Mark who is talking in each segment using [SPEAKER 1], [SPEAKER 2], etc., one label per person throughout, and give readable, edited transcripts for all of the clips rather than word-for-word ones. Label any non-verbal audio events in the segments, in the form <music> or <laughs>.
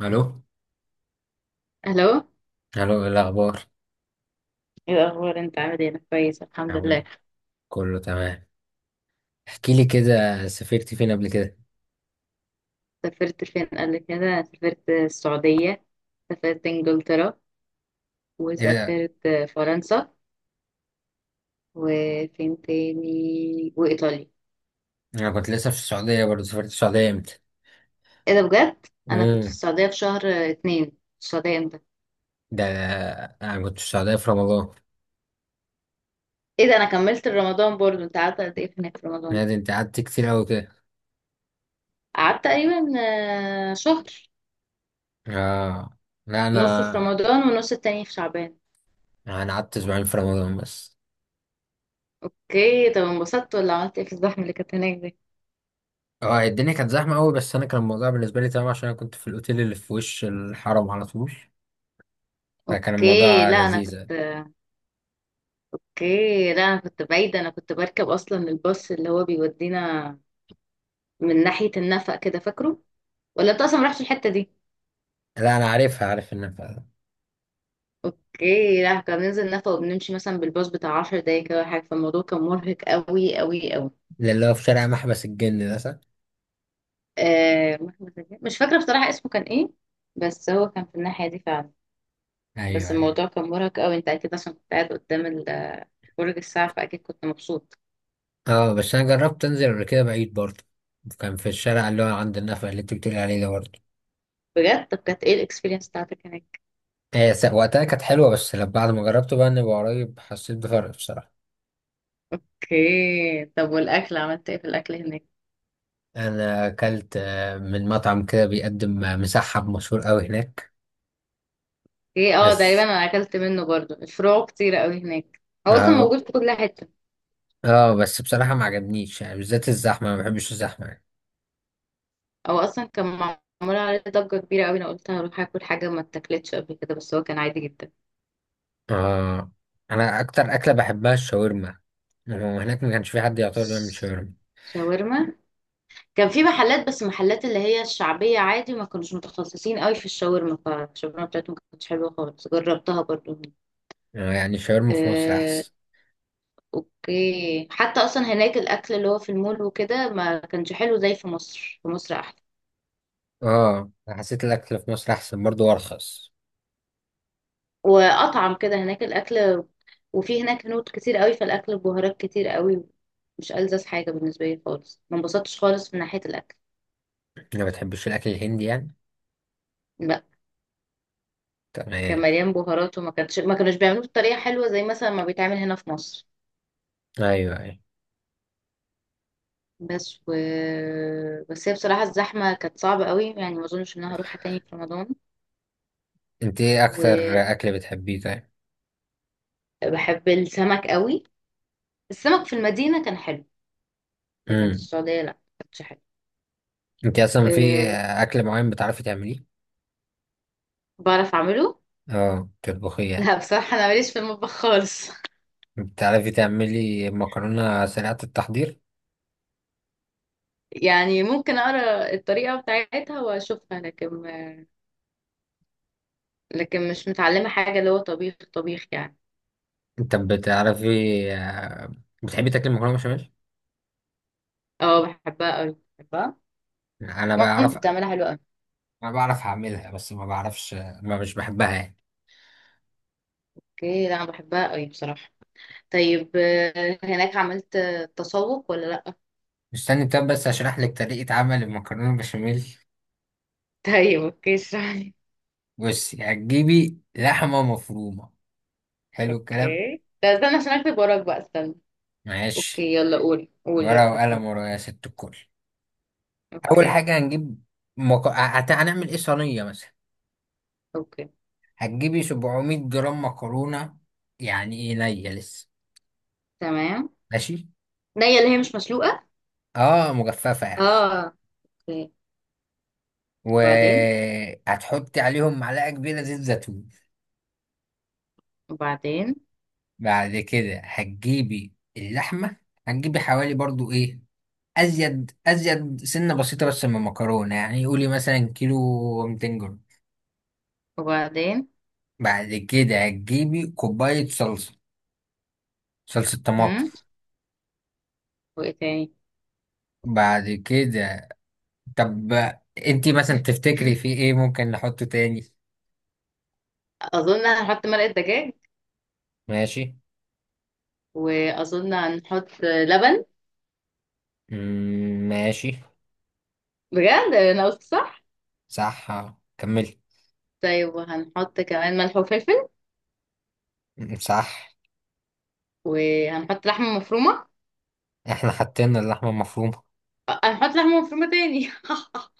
[SPEAKER 1] الو
[SPEAKER 2] الو،
[SPEAKER 1] الو، ايه الاخبار؟
[SPEAKER 2] ايه الاخبار؟ انت عامل ايه؟ انا كويس الحمد
[SPEAKER 1] عامل
[SPEAKER 2] لله.
[SPEAKER 1] ايه؟ كله تمام. احكي لي كده، سافرت فين قبل كده؟
[SPEAKER 2] سافرت فين قبل كده؟ أنا سافرت السعوديه، سافرت انجلترا،
[SPEAKER 1] ايه ده!
[SPEAKER 2] وسافرت فرنسا، وفين تاني؟ وايطاليا.
[SPEAKER 1] انا كنت لسه في السعوديه برضه. سافرت السعوديه امتى؟
[SPEAKER 2] ايه ده بجد؟ انا كنت في
[SPEAKER 1] امم
[SPEAKER 2] السعوديه في شهر اتنين. في السعوديه امتى؟
[SPEAKER 1] ده انا كنت في السعوديه في رمضان.
[SPEAKER 2] ايه ده، انا كملت رمضان برضو. انت قعدت قد ايه هناك في رمضان؟
[SPEAKER 1] لا ده انت قعدت كتير قوي كده.
[SPEAKER 2] قعدت تقريبا شهر،
[SPEAKER 1] اه، لا انا
[SPEAKER 2] نصه في رمضان ونص التاني في شعبان.
[SPEAKER 1] انا قعدت اسبوعين في رمضان بس.
[SPEAKER 2] اوكي، طب انبسطت ولا عملت ايه في الزحمه اللي كانت هناك دي؟
[SPEAKER 1] اه الدنيا كانت زحمه قوي، بس انا كان الموضوع بالنسبه لي تمام، عشان انا كنت في الاوتيل اللي في وش الحرم على طول، فكان
[SPEAKER 2] اوكي،
[SPEAKER 1] الموضوع
[SPEAKER 2] لا انا
[SPEAKER 1] لذيذ يعني.
[SPEAKER 2] كنت، اوكي لا انا كنت بعيدة، انا كنت بركب اصلا الباص اللي هو بيودينا من ناحية النفق كده، فاكره ولا انت اصلا ما رحتش الحتة دي؟
[SPEAKER 1] لا انا عارفها، عارف ان
[SPEAKER 2] اوكي، لا كنا بننزل نفق وبنمشي مثلا بالباص بتاع 10 دقايق كده ولا حاجة، فالموضوع كان مرهق قوي قوي قوي.
[SPEAKER 1] اللي هو في شارع محبس الجن ده، صح؟
[SPEAKER 2] آه محمد مش فاكرة بصراحة اسمه كان ايه، بس هو كان في الناحية دي فعلا.
[SPEAKER 1] ايوه
[SPEAKER 2] بس
[SPEAKER 1] ايوه.
[SPEAKER 2] الموضوع كان مرهق قوي، انت اكيد عشان كنت قاعد قدام برج الساعة، فاكيد كنت مبسوط.
[SPEAKER 1] اه بس انا جربت انزل قبل كده بعيد برضه، كان في الشارع اللي هو عند النفق اللي انت بتقولي عليه ده برضه.
[SPEAKER 2] بجد؟ طب كانت ايه الاكسبيرينس بتاعتك هناك؟
[SPEAKER 1] وقتها كانت حلوة، بس لما بعد ما جربته بقى اني قريب حسيت بفرق بصراحة.
[SPEAKER 2] اوكي، طب والاكل، عملت ايه في الاكل هناك؟
[SPEAKER 1] انا اكلت من مطعم كده بيقدم مسحب مشهور قوي هناك.
[SPEAKER 2] ايه، اه تقريبا
[SPEAKER 1] بس
[SPEAKER 2] انا اكلت منه برضو، الفروع كتير قوي هناك، هو اصلا
[SPEAKER 1] اه.
[SPEAKER 2] موجود في كل حته.
[SPEAKER 1] اه بس بصراحة ما عجبنيش، يعني بالذات الزحمة، ما بحبش الزحمة يعني.
[SPEAKER 2] هو اصلا كان معمول عليه ضجه كبيره قوي، انا قلت هروح اكل حاجه ما اتاكلتش قبل كده، بس هو كان عادي جدا.
[SPEAKER 1] اه، انا اكتر اكلة بحبها الشاورما، وهناك ما كانش في حد يعتبر بيعمل شاورما.
[SPEAKER 2] شاورما؟ كان في محلات، بس محلات اللي هي الشعبيه عادي، ما كانوش متخصصين قوي في الشاورما، فالشاورما بتاعتهم ما كانتش حلوه خالص، جربتها برضو.
[SPEAKER 1] يعني الشاورما في مصر
[SPEAKER 2] آه،
[SPEAKER 1] احسن.
[SPEAKER 2] اوكي. حتى اصلا هناك الاكل اللي هو في المول وكده ما كانش حلو زي في مصر، في مصر احلى
[SPEAKER 1] اه، أنا حسيت الاكل في مصر احسن برضه وارخص.
[SPEAKER 2] واطعم كده هناك الاكل. وفي هناك هنود كتير قوي، فالاكل ببهارات كتير قوي، مش ألذذ حاجه بالنسبه لي خالص، ما انبسطتش خالص من ناحيه الاكل.
[SPEAKER 1] ما بتحبش الاكل الهندي يعني؟
[SPEAKER 2] لا، كان
[SPEAKER 1] تمام.
[SPEAKER 2] مليان بهارات، وما كانش ما كانوش بيعملوه بطريقه حلوه زي مثلا ما بيتعمل هنا في مصر.
[SPEAKER 1] ايوه ايوه.
[SPEAKER 2] بس و... بس هي بصراحه الزحمه كانت صعبه قوي يعني، ما اظنش ان انا هروحها تاني في رمضان.
[SPEAKER 1] انت ايه اكتر
[SPEAKER 2] وبحب
[SPEAKER 1] اكل بتحبيه؟ طيب،
[SPEAKER 2] السمك قوي، السمك في المدينه كان حلو، لكن في
[SPEAKER 1] امم
[SPEAKER 2] السعوديه لا، ما كانش حلو.
[SPEAKER 1] انت اصلا في
[SPEAKER 2] أه...
[SPEAKER 1] اكل معين بتعرفي تعمليه؟
[SPEAKER 2] بعرف اعمله.
[SPEAKER 1] اه تطبخيه يعني.
[SPEAKER 2] لا بصراحه انا ماليش في المطبخ خالص.
[SPEAKER 1] بتعرفي تعملي مكرونه سريعه التحضير؟
[SPEAKER 2] يعني ممكن اقرا الطريقه بتاعتها واشوفها، لكن لكن مش متعلمه حاجه اللي هو طبيخ طبيخ يعني.
[SPEAKER 1] انت بتعرفي آه، بتحبي تاكلي مكرونه بشاميل؟
[SPEAKER 2] اه بحبها قوي، بحبها،
[SPEAKER 1] انا
[SPEAKER 2] مامتي
[SPEAKER 1] بعرف.
[SPEAKER 2] بتعملها حلوه قوي.
[SPEAKER 1] انا بعرف اعملها بس ما بعرفش، ما مش بحبها يعني.
[SPEAKER 2] اوكي، لا انا بحبها قوي بصراحه. طيب، هناك عملت تسوق ولا لا؟ <laughs>
[SPEAKER 1] استني، طب بس اشرح لك طريقه عمل المكرونه بشاميل.
[SPEAKER 2] طيب اوكي، اشرح لي.
[SPEAKER 1] بصي، هتجيبي لحمة مفرومة. حلو الكلام؟
[SPEAKER 2] اوكي، طب استنى عشان اكتب وراك بقى، استنى.
[SPEAKER 1] ماشي.
[SPEAKER 2] اوكي، يلا قول، قول يلا،
[SPEAKER 1] ورقة وقلم
[SPEAKER 2] ها.
[SPEAKER 1] ورا يا ست الكل. أول
[SPEAKER 2] اوكي.
[SPEAKER 1] حاجة هنجيب، هنعمل إيه، صينية مثلا.
[SPEAKER 2] اوكي.
[SPEAKER 1] هتجيبي 700 جرام مكرونة. يعني إيه نية لسه؟
[SPEAKER 2] تمام.
[SPEAKER 1] ماشي.
[SPEAKER 2] نية اللي هي مش مسلوقه.
[SPEAKER 1] آه، مجففة يعني.
[SPEAKER 2] اه. اوكي. وبعدين؟
[SPEAKER 1] وهتحطي عليهم معلقة كبيرة زيت زيتون.
[SPEAKER 2] وبعدين؟
[SPEAKER 1] بعد كده هتجيبي اللحمة، هتجيبي حوالي برضو إيه، أزيد أزيد سنة بسيطة بس من المكرونة، يعني قولي مثلا كيلو 200 جرام.
[SPEAKER 2] وبعدين؟
[SPEAKER 1] بعد كده هتجيبي كوباية صلصة، صلصة طماطم.
[SPEAKER 2] هم، وايه تاني؟
[SPEAKER 1] بعد كده طب انتي مثلا تفتكري في ايه ممكن نحطه تاني؟
[SPEAKER 2] اظن هنحط مرقة دجاج،
[SPEAKER 1] ماشي.
[SPEAKER 2] واظن هنحط لبن.
[SPEAKER 1] مم، ماشي.
[SPEAKER 2] بجد انا قلت صح؟
[SPEAKER 1] صح، كملي.
[SPEAKER 2] طيب وهنحط كمان ملح وفلفل،
[SPEAKER 1] مم، صح.
[SPEAKER 2] وهنحط لحمة مفرومة.
[SPEAKER 1] احنا حطينا اللحمة المفرومة.
[SPEAKER 2] هنحط لحمة مفرومة تاني؟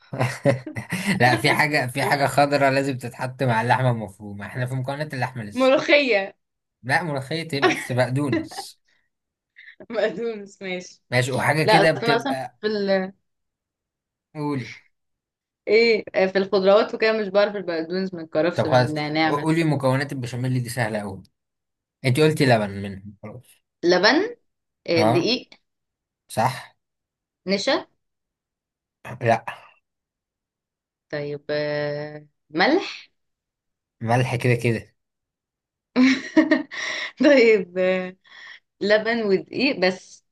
[SPEAKER 1] <laughs> لا في حاجة، في حاجة
[SPEAKER 2] <laughs>
[SPEAKER 1] خضرا لازم تتحط مع اللحمة المفرومة، احنا في مكونات اللحمة لسه.
[SPEAKER 2] ملوخية؟
[SPEAKER 1] لا ملوخية ايه، بس بقدونس.
[SPEAKER 2] بقدونس، ماشي.
[SPEAKER 1] ماشي. وحاجة
[SPEAKER 2] لا
[SPEAKER 1] كده
[SPEAKER 2] اصل انا اصلا
[SPEAKER 1] بتبقى، قولي.
[SPEAKER 2] ايه، في الخضروات وكده مش بعرف البقدونس من الكرفس
[SPEAKER 1] طب
[SPEAKER 2] من
[SPEAKER 1] خلاص،
[SPEAKER 2] النعناع من
[SPEAKER 1] قولي،
[SPEAKER 2] الحاجات.
[SPEAKER 1] مكونات البشاميل دي سهلة أوي. انت قلتي لبن منهم، خلاص.
[SPEAKER 2] لبن،
[SPEAKER 1] اه،
[SPEAKER 2] دقيق،
[SPEAKER 1] صح.
[SPEAKER 2] نشا.
[SPEAKER 1] لا.
[SPEAKER 2] طيب ملح.
[SPEAKER 1] ملح كده كده.
[SPEAKER 2] <laughs> طيب، لبن ودقيق بس.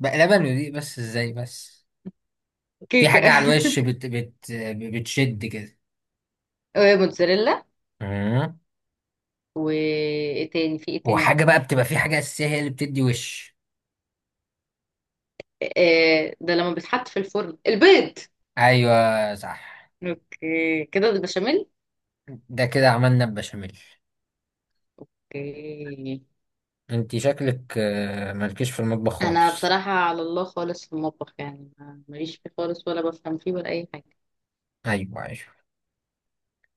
[SPEAKER 1] بقى لبن ودي بس؟ ازاي بس! في
[SPEAKER 2] كيكة.
[SPEAKER 1] حاجة على الوش، بت بتشد كده.
[SPEAKER 2] <laughs> وموتزاريلا.
[SPEAKER 1] مم.
[SPEAKER 2] وايه تاني؟ في ايه تاني
[SPEAKER 1] وحاجة
[SPEAKER 2] عندك؟
[SPEAKER 1] بقى بتبقى، في حاجة أساسية هي اللي بتدي وش.
[SPEAKER 2] آه ده لما بيتحط في الفرن، البيض.
[SPEAKER 1] أيوة، صح.
[SPEAKER 2] اوكي كده البشاميل.
[SPEAKER 1] ده كده عملنا البشاميل.
[SPEAKER 2] اوكي،
[SPEAKER 1] انت شكلك مالكيش في المطبخ
[SPEAKER 2] انا
[SPEAKER 1] خالص.
[SPEAKER 2] بصراحة على الله خالص في المطبخ يعني، ماليش فيه خالص، ولا بفهم فيه ولا اي حاجة.
[SPEAKER 1] أيوة أيوة.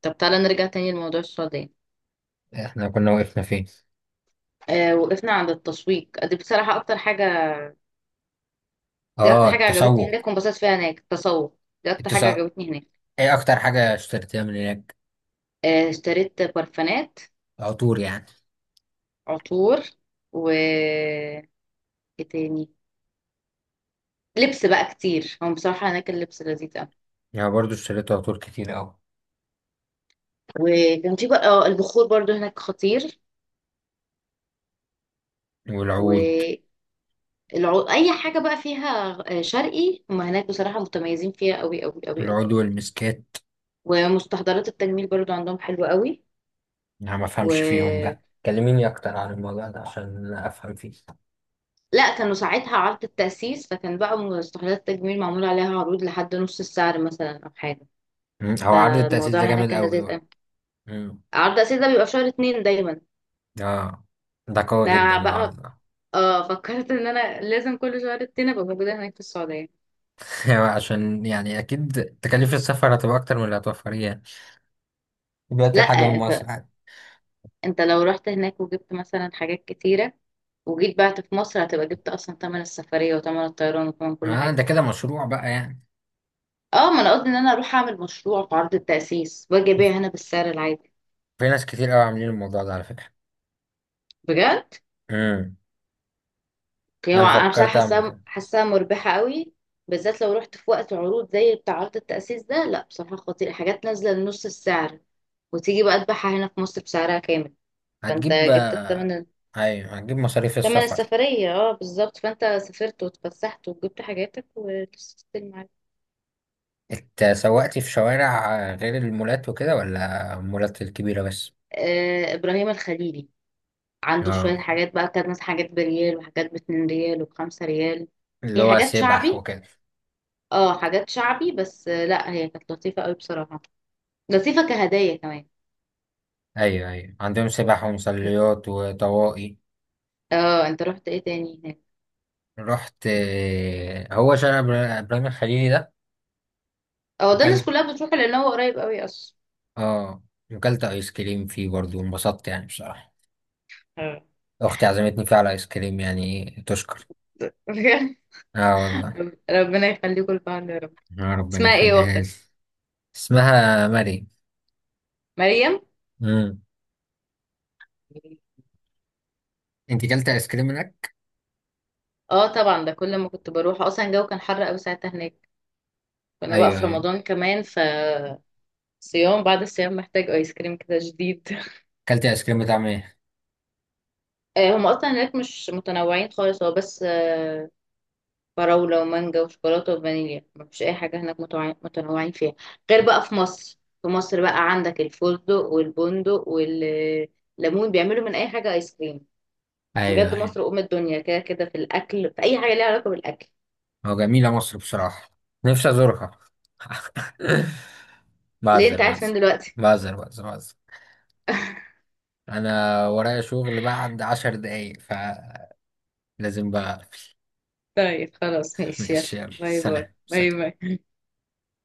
[SPEAKER 2] طب تعالى نرجع تاني لموضوع السعودية.
[SPEAKER 1] احنا كنا وقفنا فين؟
[SPEAKER 2] آه وقفنا عند التسويق دي، بصراحة اكتر حاجة، دي
[SPEAKER 1] اه
[SPEAKER 2] اكتر حاجة عجبتني هناك
[SPEAKER 1] التسوق،
[SPEAKER 2] وانبسطت فيها هناك، التسوق دي اكتر حاجة
[SPEAKER 1] التسوق.
[SPEAKER 2] عجبتني هناك.
[SPEAKER 1] ايه أكتر حاجة اشتريتها من هناك؟
[SPEAKER 2] آه اشتريت برفانات.
[SPEAKER 1] عطور يعني؟
[SPEAKER 2] عطور، و ايه تاني؟ لبس بقى كتير، هم بصراحة هناك اللبس لذيذ أوي.
[SPEAKER 1] يعني برضو اشتريت عطور كتير أوي.
[SPEAKER 2] وكان في بقى البخور برضو هناك خطير.
[SPEAKER 1] والعود.
[SPEAKER 2] والعو... أي حاجة بقى فيها شرقي، هم هناك بصراحة متميزين فيها أوي أوي أوي أوي.
[SPEAKER 1] العود والمسكات.
[SPEAKER 2] ومستحضرات التجميل برضو عندهم حلوة أوي.
[SPEAKER 1] انا ما افهمش فيهم، ده
[SPEAKER 2] و
[SPEAKER 1] كلميني اكتر عن الموضوع ده عشان افهم فيه.
[SPEAKER 2] لا كانوا ساعتها عرض التأسيس، فكان بقى مستحضرات التجميل معمول عليها عروض لحد نص السعر مثلا أو حاجة،
[SPEAKER 1] مم، هو عرض التأسيس
[SPEAKER 2] فالموضوع
[SPEAKER 1] ده
[SPEAKER 2] هناك
[SPEAKER 1] جامد
[SPEAKER 2] كان
[SPEAKER 1] قوي
[SPEAKER 2] لذيذ أوي.
[SPEAKER 1] بقى. مم.
[SPEAKER 2] عرض التأسيس ده بيبقى في شهر اتنين دايما.
[SPEAKER 1] اه ده قوي
[SPEAKER 2] ده
[SPEAKER 1] جدا العرض
[SPEAKER 2] بقى،
[SPEAKER 1] ده.
[SPEAKER 2] اه فكرت ان انا لازم كل شهر اتنين ابقى موجودة هناك في السعودية.
[SPEAKER 1] <laughs> هو عشان يعني اكيد تكاليف السفر هتبقى اكتر من اللي هتوفريه يعني، دلوقتي
[SPEAKER 2] لا
[SPEAKER 1] الحاجة من
[SPEAKER 2] انت،
[SPEAKER 1] مصر عادي.
[SPEAKER 2] انت لو رحت هناك وجبت مثلا حاجات كتيرة وجيت بعت في مصر، هتبقى جبت اصلا تمن السفرية وتمن الطيران وتمن كل
[SPEAKER 1] اه
[SPEAKER 2] حاجة.
[SPEAKER 1] ده كده مشروع بقى يعني.
[SPEAKER 2] اه، ما انا قصدي ان انا اروح اعمل مشروع في عرض التأسيس واجي ابيع هنا بالسعر العادي.
[SPEAKER 1] في ناس كتير قوي عاملين الموضوع ده على فكرة.
[SPEAKER 2] بجد؟
[SPEAKER 1] امم
[SPEAKER 2] يعني هو
[SPEAKER 1] انا
[SPEAKER 2] انا بصراحة
[SPEAKER 1] فكرت اعمل
[SPEAKER 2] حاساها،
[SPEAKER 1] كده.
[SPEAKER 2] حاساها مربحة قوي. بالذات لو رحت في وقت عروض زي بتاع عرض التأسيس ده، لا بصراحة خطير، حاجات نازلة لنص السعر وتيجي بقى تبيعها هنا في مصر بسعرها كامل، فانت
[SPEAKER 1] هتجيب
[SPEAKER 2] جبت التمن،
[SPEAKER 1] ايوه هتجيب مصاريف
[SPEAKER 2] تمن
[SPEAKER 1] السفر.
[SPEAKER 2] السفرية. اه بالظبط، فانت سافرت واتفسحت وجبت حاجاتك وتستلم.
[SPEAKER 1] اتسوقتي في شوارع غير المولات وكده ولا المولات الكبيرة بس؟
[SPEAKER 2] ابراهيم الخليلي، عنده شويه
[SPEAKER 1] اه
[SPEAKER 2] حاجات بقى كانت مثلا حاجات بريال وحاجات باتنين ريال وبخمسة ريال.
[SPEAKER 1] اللي
[SPEAKER 2] هي
[SPEAKER 1] هو
[SPEAKER 2] حاجات
[SPEAKER 1] سبح
[SPEAKER 2] شعبي،
[SPEAKER 1] وكده.
[SPEAKER 2] اه حاجات شعبي بس، لا هي كانت لطيفه قوي بصراحه، لطيفه كهدايا كمان.
[SPEAKER 1] ايوه ايوه عندهم سبح ومصليات وطواقي.
[SPEAKER 2] اه انت رحت ايه تاني هناك؟
[SPEAKER 1] رحت هو شارع ابراهيم الخليلي ده.
[SPEAKER 2] اه ده الناس
[SPEAKER 1] وكلت.
[SPEAKER 2] كلها بتروح لان هو قريب قوي اصلا.
[SPEAKER 1] اه وكلت ايس كريم فيه برضه وانبسطت يعني بصراحة.
[SPEAKER 2] آه.
[SPEAKER 1] اختي عزمتني فيه على ايس كريم يعني. إيه، تشكر.
[SPEAKER 2] <laughs>
[SPEAKER 1] اه والله.
[SPEAKER 2] ربنا يخليكم لبعض يا رب.
[SPEAKER 1] يا ربنا
[SPEAKER 2] اسمها ايه
[SPEAKER 1] يخليها
[SPEAKER 2] واختك؟
[SPEAKER 1] لي. اسمها مريم.
[SPEAKER 2] مريم.
[SPEAKER 1] امم انت كلت ايس كريم هناك؟
[SPEAKER 2] اه طبعا، ده كل ما كنت بروح اصلا الجو كان حر قوي ساعتها هناك، كنا بقى
[SPEAKER 1] ايوه
[SPEAKER 2] في
[SPEAKER 1] ايوه.
[SPEAKER 2] رمضان كمان، ف صيام بعد الصيام محتاج ايس كريم كده جديد. <laughs>
[SPEAKER 1] كلت ايس كريم بتاع ايه؟
[SPEAKER 2] هم اصلا هناك مش متنوعين خالص، هو بس فراولة ومانجا وشوكولاتة وفانيليا، مفيش اي حاجة هناك متنوعين فيها، غير بقى في مصر، في مصر بقى عندك الفستق والبندق والليمون، بيعملوا من اي حاجة ايس كريم.
[SPEAKER 1] ايوه
[SPEAKER 2] بجد
[SPEAKER 1] أيوة.
[SPEAKER 2] مصر ام الدنيا كده كده في الاكل، في اي حاجة ليها علاقة بالاكل.
[SPEAKER 1] هو جميلة مصر بصراحة، نفسي أزورها. <laughs>
[SPEAKER 2] ليه
[SPEAKER 1] بعذر،
[SPEAKER 2] انت عارف
[SPEAKER 1] بعذر،
[SPEAKER 2] فين دلوقتي؟
[SPEAKER 1] بعذر، بعذر، بعذر،
[SPEAKER 2] <laughs>
[SPEAKER 1] أنا ورايا شغل بعد 10 دقايق فلازم بقى.
[SPEAKER 2] طيب خلاص
[SPEAKER 1] <laughs>
[SPEAKER 2] ماشي يلا.
[SPEAKER 1] ماشي، يلا،
[SPEAKER 2] باي باي،
[SPEAKER 1] سلام
[SPEAKER 2] باي
[SPEAKER 1] سلام.
[SPEAKER 2] باي.